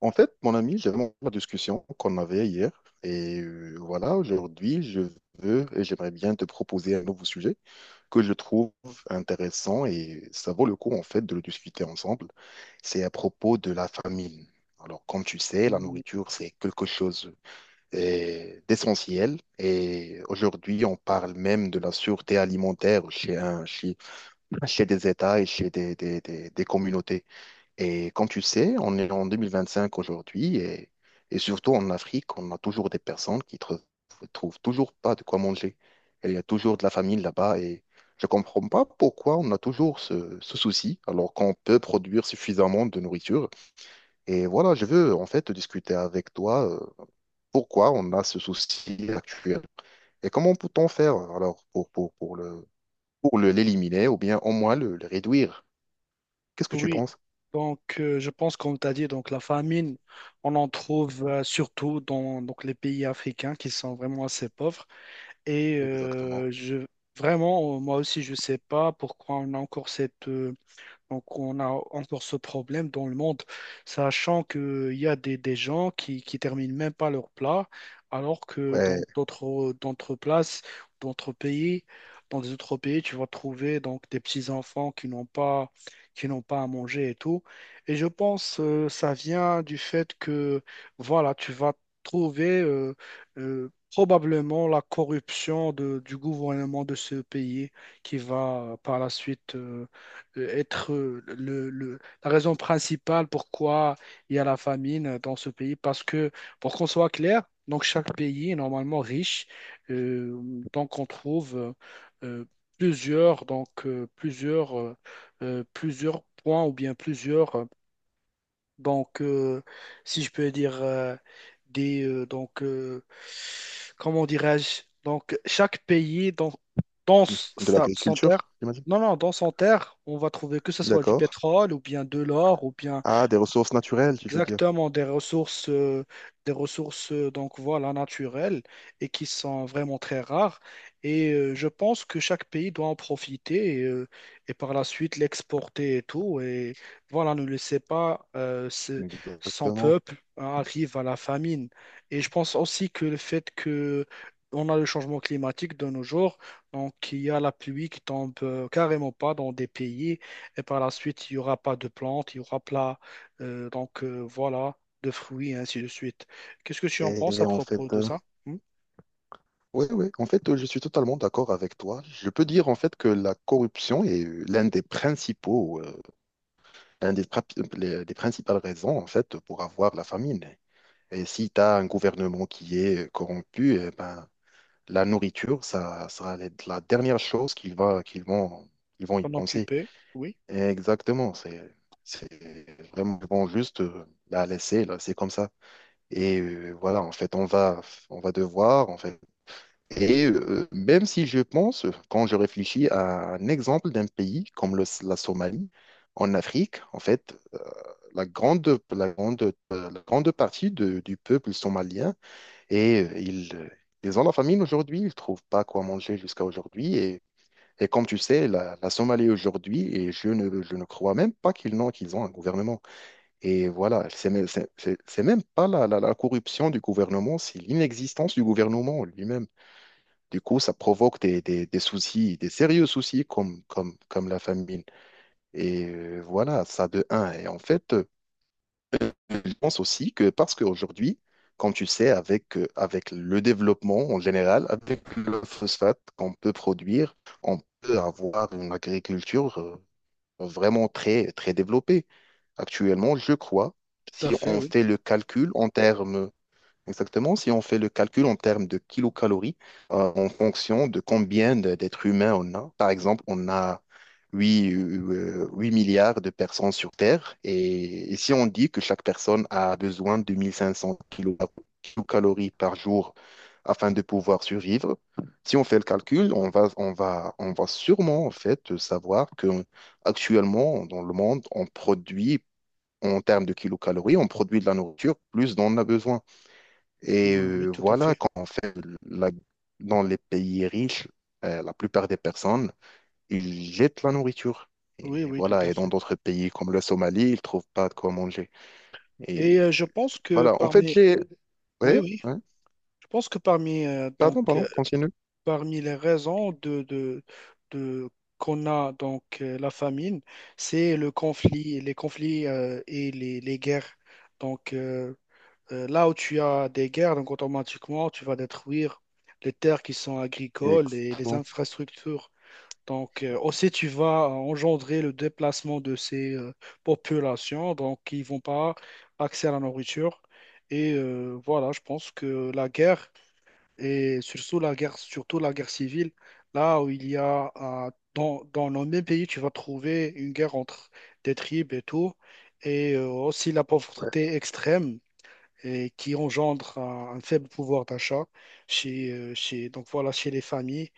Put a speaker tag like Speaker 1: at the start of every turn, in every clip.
Speaker 1: En fait, mon ami, j'aime la discussion qu'on avait hier. Et voilà, aujourd'hui, je veux et j'aimerais bien te proposer un nouveau sujet que je trouve intéressant et ça vaut le coup, en fait, de le discuter ensemble. C'est à propos de la famine. Alors, comme tu sais, la
Speaker 2: Mm,
Speaker 1: nourriture, c'est quelque chose d'essentiel. Et aujourd'hui, on parle même de la sûreté alimentaire chez des États et chez des communautés. Et comme tu sais, on est en 2025 aujourd'hui et surtout en Afrique, on a toujours des personnes qui ne trouvent toujours pas de quoi manger. Et il y a toujours de la famine là-bas et je ne comprends pas pourquoi on a toujours ce souci alors qu'on peut produire suffisamment de nourriture. Et voilà, je veux en fait discuter avec toi pourquoi on a ce souci actuel et comment peut-on faire alors pour l'éliminer ou bien au moins le réduire. Qu'est-ce que tu
Speaker 2: Oui,
Speaker 1: penses
Speaker 2: donc je pense comme tu as dit, donc la famine, on en trouve surtout dans donc, les pays africains qui sont vraiment assez pauvres. Et
Speaker 1: exactement?
Speaker 2: vraiment, moi aussi, je ne sais pas pourquoi on a encore cette, Donc, on a encore ce problème dans le monde, sachant qu'il y a des gens qui terminent même pas leur plat, alors que dans
Speaker 1: Ouais.
Speaker 2: d'autres places, d'autres pays, dans des autres pays, tu vas trouver donc des petits enfants qui n'ont pas à manger et tout. Et je pense que ça vient du fait que, voilà, tu vas trouver probablement la corruption du gouvernement de ce pays qui va par la suite. Être la raison principale pourquoi il y a la famine dans ce pays. Parce que, pour qu'on soit clair, donc chaque pays est normalement riche. Euh, donc on trouve euh, plusieurs, donc, plusieurs, plusieurs points ou bien plusieurs donc, si je peux dire des donc comment dirais-je? Donc, chaque pays dans
Speaker 1: De
Speaker 2: son terre,
Speaker 1: l'agriculture, j'imagine.
Speaker 2: non non dans son terre, on va trouver que ce soit du
Speaker 1: D'accord.
Speaker 2: pétrole ou bien de l'or ou bien.
Speaker 1: Ah, des ressources naturelles, tu veux dire.
Speaker 2: Exactement, des ressources donc voilà, naturelles et qui sont vraiment très rares. Et je pense que chaque pays doit en profiter et par la suite l'exporter et tout. Et voilà, ne laissez pas son
Speaker 1: Exactement.
Speaker 2: peuple hein, arrive à la famine. Et je pense aussi que le fait que on a le changement climatique de nos jours, donc il y a la pluie qui tombe carrément pas dans des pays et par la suite il n'y aura pas de plantes, il y aura pas donc voilà, de fruits, et ainsi de suite. Qu'est-ce que tu en penses à
Speaker 1: Et en
Speaker 2: propos
Speaker 1: fait,
Speaker 2: de ça? Hmm.
Speaker 1: oui, oui, en fait, je suis totalement d'accord avec toi. Je peux dire en fait que la corruption est l'un des, prap- les- des principales raisons en fait pour avoir la famine. Et si tu as un gouvernement qui est corrompu, eh ben, la nourriture, ça sera la dernière chose qu'ils va, qu'ils vont, ils vont y
Speaker 2: T'en
Speaker 1: penser.
Speaker 2: occuper? Oui,
Speaker 1: Exactement, c'est vraiment ils vont juste la laisser, là, c'est comme ça. Et voilà, en fait, on va devoir, en fait et même si je pense, quand je réfléchis à un exemple d'un pays comme la Somalie, en Afrique, en fait, la grande, la grande, la grande partie du peuple somalien, et ils ont la famine aujourd'hui, ils ne trouvent pas quoi manger jusqu'à aujourd'hui. Et comme tu sais, la Somalie aujourd'hui, et je ne crois même pas qu'ils ont un gouvernement. Et voilà, c'est même c'est même pas la corruption du gouvernement, c'est l'inexistence du gouvernement lui-même. Du coup, ça provoque des soucis, des sérieux soucis comme la famine. Et voilà, ça de un. Et en fait, je pense aussi que parce qu'aujourd'hui, comme tu sais, avec le développement en général, avec le phosphate qu'on peut produire, on peut avoir une agriculture vraiment très, très développée. Actuellement, je crois.
Speaker 2: tout à
Speaker 1: Si
Speaker 2: fait,
Speaker 1: on
Speaker 2: oui.
Speaker 1: fait le calcul en termes Exactement. Si on fait le calcul en termes de kilocalories, en fonction de combien d'êtres humains on a, par exemple, on a 8 8 milliards de personnes sur Terre. Et si on dit que chaque personne a besoin de 1 500 kilocalories par jour afin de pouvoir survivre, si on fait le calcul, on va sûrement en fait savoir que actuellement dans le monde, on produit, en termes de kilocalories, on produit de la nourriture plus dont on a besoin.
Speaker 2: Oui,
Speaker 1: Et
Speaker 2: oui, tout à
Speaker 1: voilà,
Speaker 2: fait.
Speaker 1: quand on fait la- dans les pays riches, la plupart des personnes, ils jettent la nourriture.
Speaker 2: Oui,
Speaker 1: Et
Speaker 2: oui, tout
Speaker 1: voilà,
Speaker 2: à
Speaker 1: et dans
Speaker 2: fait.
Speaker 1: d'autres pays comme la Somalie, ils trouvent pas de quoi manger. Et
Speaker 2: Et je pense que
Speaker 1: voilà, en fait,
Speaker 2: parmi.
Speaker 1: j'ai.
Speaker 2: Oui,
Speaker 1: Ouais,
Speaker 2: oui.
Speaker 1: ouais,
Speaker 2: Je pense que parmi,
Speaker 1: pardon, pardon, continue.
Speaker 2: parmi les raisons de- qu'on a donc la famine, c'est le conflit, les conflits et les guerres. Donc là où tu as des guerres, donc automatiquement tu vas détruire les terres qui sont agricoles et les
Speaker 1: Exactement.
Speaker 2: infrastructures. Donc aussi tu vas engendrer le déplacement de ces populations, donc ils vont pas accès à la nourriture. Et voilà, je pense que la guerre et surtout la guerre civile, là où il y a, dans nos mêmes pays, tu vas trouver une guerre entre des tribus et tout, et aussi la
Speaker 1: Ouais.
Speaker 2: pauvreté extrême et qui engendre un faible pouvoir d'achat donc voilà, chez les familles.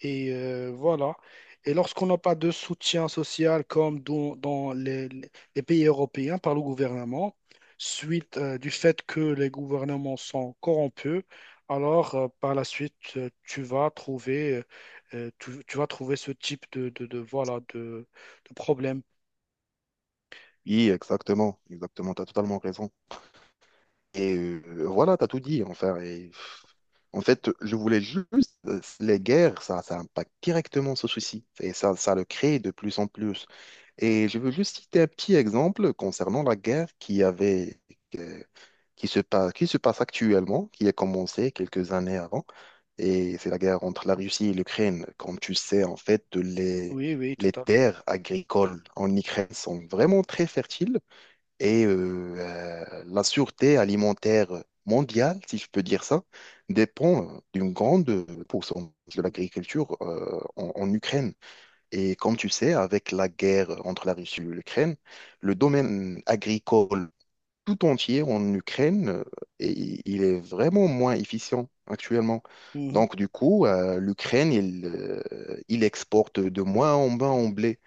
Speaker 2: Et voilà. Et lorsqu'on n'a pas de soutien social comme dans les pays européens par le gouvernement, suite du fait que les gouvernements sont corrompus, alors par la suite, tu vas trouver, tu vas trouver ce type voilà, de problème.
Speaker 1: Oui, exactement, exactement, tu as totalement raison. Et voilà, tu as tout dit, enfin. Et, en fait, je voulais juste. Les guerres, ça impacte directement ce souci. Et ça le crée de plus en plus. Et je veux juste citer un petit exemple concernant la guerre euh, qui se passe actuellement, qui a commencé quelques années avant. Et c'est la guerre entre la Russie et l'Ukraine. Comme tu sais, en fait,
Speaker 2: Oui, oui, tout
Speaker 1: les
Speaker 2: à fait.
Speaker 1: terres agricoles en Ukraine sont vraiment très fertiles et la sûreté alimentaire mondiale, si je peux dire ça, dépend d'une grande pourcentage de l'agriculture en Ukraine. Et comme tu sais, avec la guerre entre la Russie et l'Ukraine, le domaine agricole tout entier en Ukraine, il est vraiment moins efficient actuellement.
Speaker 2: Mhm.
Speaker 1: Donc du coup, l'Ukraine, il exporte de moins en moins en blé.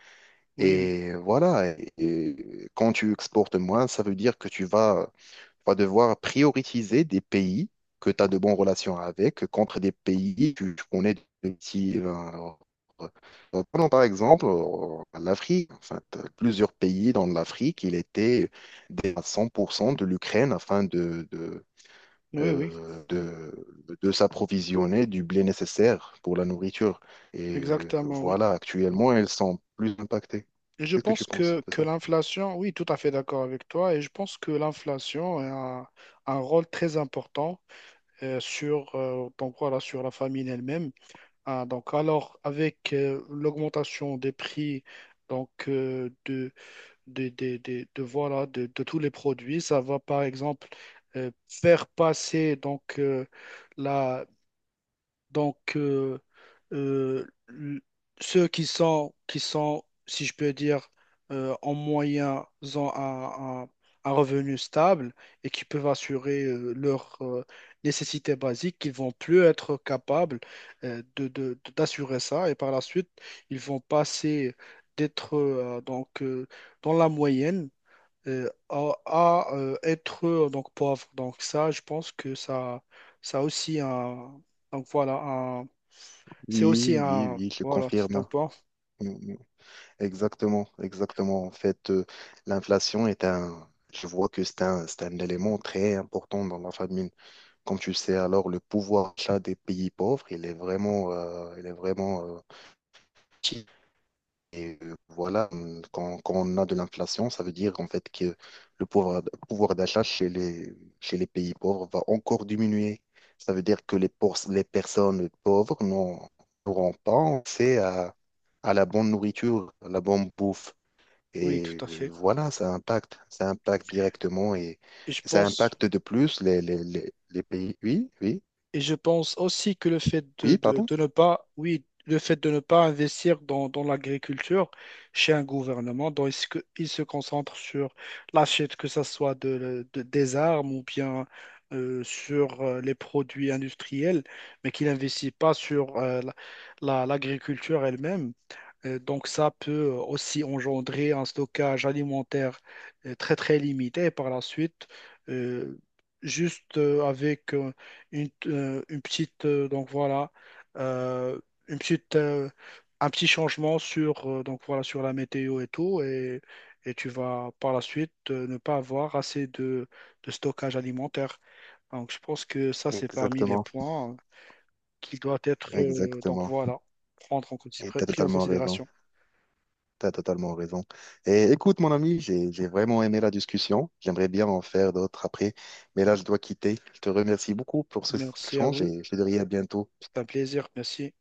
Speaker 2: Oui, oui,
Speaker 1: Et voilà, et quand tu exportes moins, ça veut dire que tu vas devoir prioriser des pays que tu as de bonnes relations avec contre des pays que tu connais de petits. Prenons par exemple l'Afrique. En fait, plusieurs pays dans l'Afrique, il était à 100% de l'Ukraine afin
Speaker 2: oui, oui,
Speaker 1: de s'approvisionner du blé nécessaire pour la nourriture. Et
Speaker 2: exactement, oui.
Speaker 1: voilà, actuellement, elles sont plus impactées.
Speaker 2: Et je
Speaker 1: Qu'est-ce que tu
Speaker 2: pense
Speaker 1: penses de
Speaker 2: que
Speaker 1: ça?
Speaker 2: l'inflation, oui, tout à fait d'accord avec toi, et je pense que l'inflation a un rôle très important donc voilà, sur la famine elle-même. Ah, donc, alors, avec l'augmentation des prix donc, voilà, de tous les produits, ça va par exemple faire passer donc, donc, euh, euh, l- ceux qui sont, si je peux dire, en moyen, ont un revenu stable et qui peuvent assurer leurs nécessités basiques, ils vont plus être capables d'assurer ça et par la suite, ils vont passer d'être dans la moyenne être donc pauvre. Donc ça, je pense que ça a aussi donc voilà, un, c'est aussi
Speaker 1: Oui, oui,
Speaker 2: un,
Speaker 1: oui, je
Speaker 2: voilà, c'est un
Speaker 1: confirme.
Speaker 2: point.
Speaker 1: Exactement, exactement. En fait, l'inflation je vois que c'est un élément très important dans la famine. Comme tu sais, alors le pouvoir d'achat des pays pauvres, il est vraiment petit. Et voilà, quand on a de l'inflation, ça veut dire en fait que le pouvoir, pouvoir d'achat chez les pays pauvres va encore diminuer. Ça veut dire que les personnes pauvres n'auront pas accès à la bonne nourriture, à la bonne bouffe.
Speaker 2: Oui, tout
Speaker 1: Et
Speaker 2: à fait.
Speaker 1: voilà, ça impacte directement et
Speaker 2: Et je
Speaker 1: ça
Speaker 2: pense.
Speaker 1: impacte de plus les pays. Oui, oui,
Speaker 2: Et je pense aussi que le fait
Speaker 1: oui, pardon.
Speaker 2: de ne pas, oui, le fait de ne pas investir dans l'agriculture chez un gouvernement, dont il se concentre sur l'achète, que ce soit des armes ou bien sur les produits industriels, mais qu'il n'investit pas sur l'agriculture elle-même, donc ça peut aussi engendrer un stockage alimentaire très très limité. Et par la suite, euh, juste euh, avec euh, une petite donc voilà euh, une petite un petit changement sur donc voilà sur la météo et tout et tu vas par la suite ne pas avoir assez de stockage alimentaire. Donc je pense que ça c'est parmi les
Speaker 1: Exactement,
Speaker 2: points qui doivent être donc
Speaker 1: exactement.
Speaker 2: voilà prendre en
Speaker 1: Et t'as
Speaker 2: pris en
Speaker 1: totalement raison.
Speaker 2: considération.
Speaker 1: T'as totalement raison. Et écoute, mon ami, j'ai vraiment aimé la discussion. J'aimerais bien en faire d'autres après, mais là, je dois quitter. Je te remercie beaucoup pour ce
Speaker 2: Merci à
Speaker 1: échange
Speaker 2: vous.
Speaker 1: et je te dirai à bientôt.
Speaker 2: C'est un plaisir. Merci.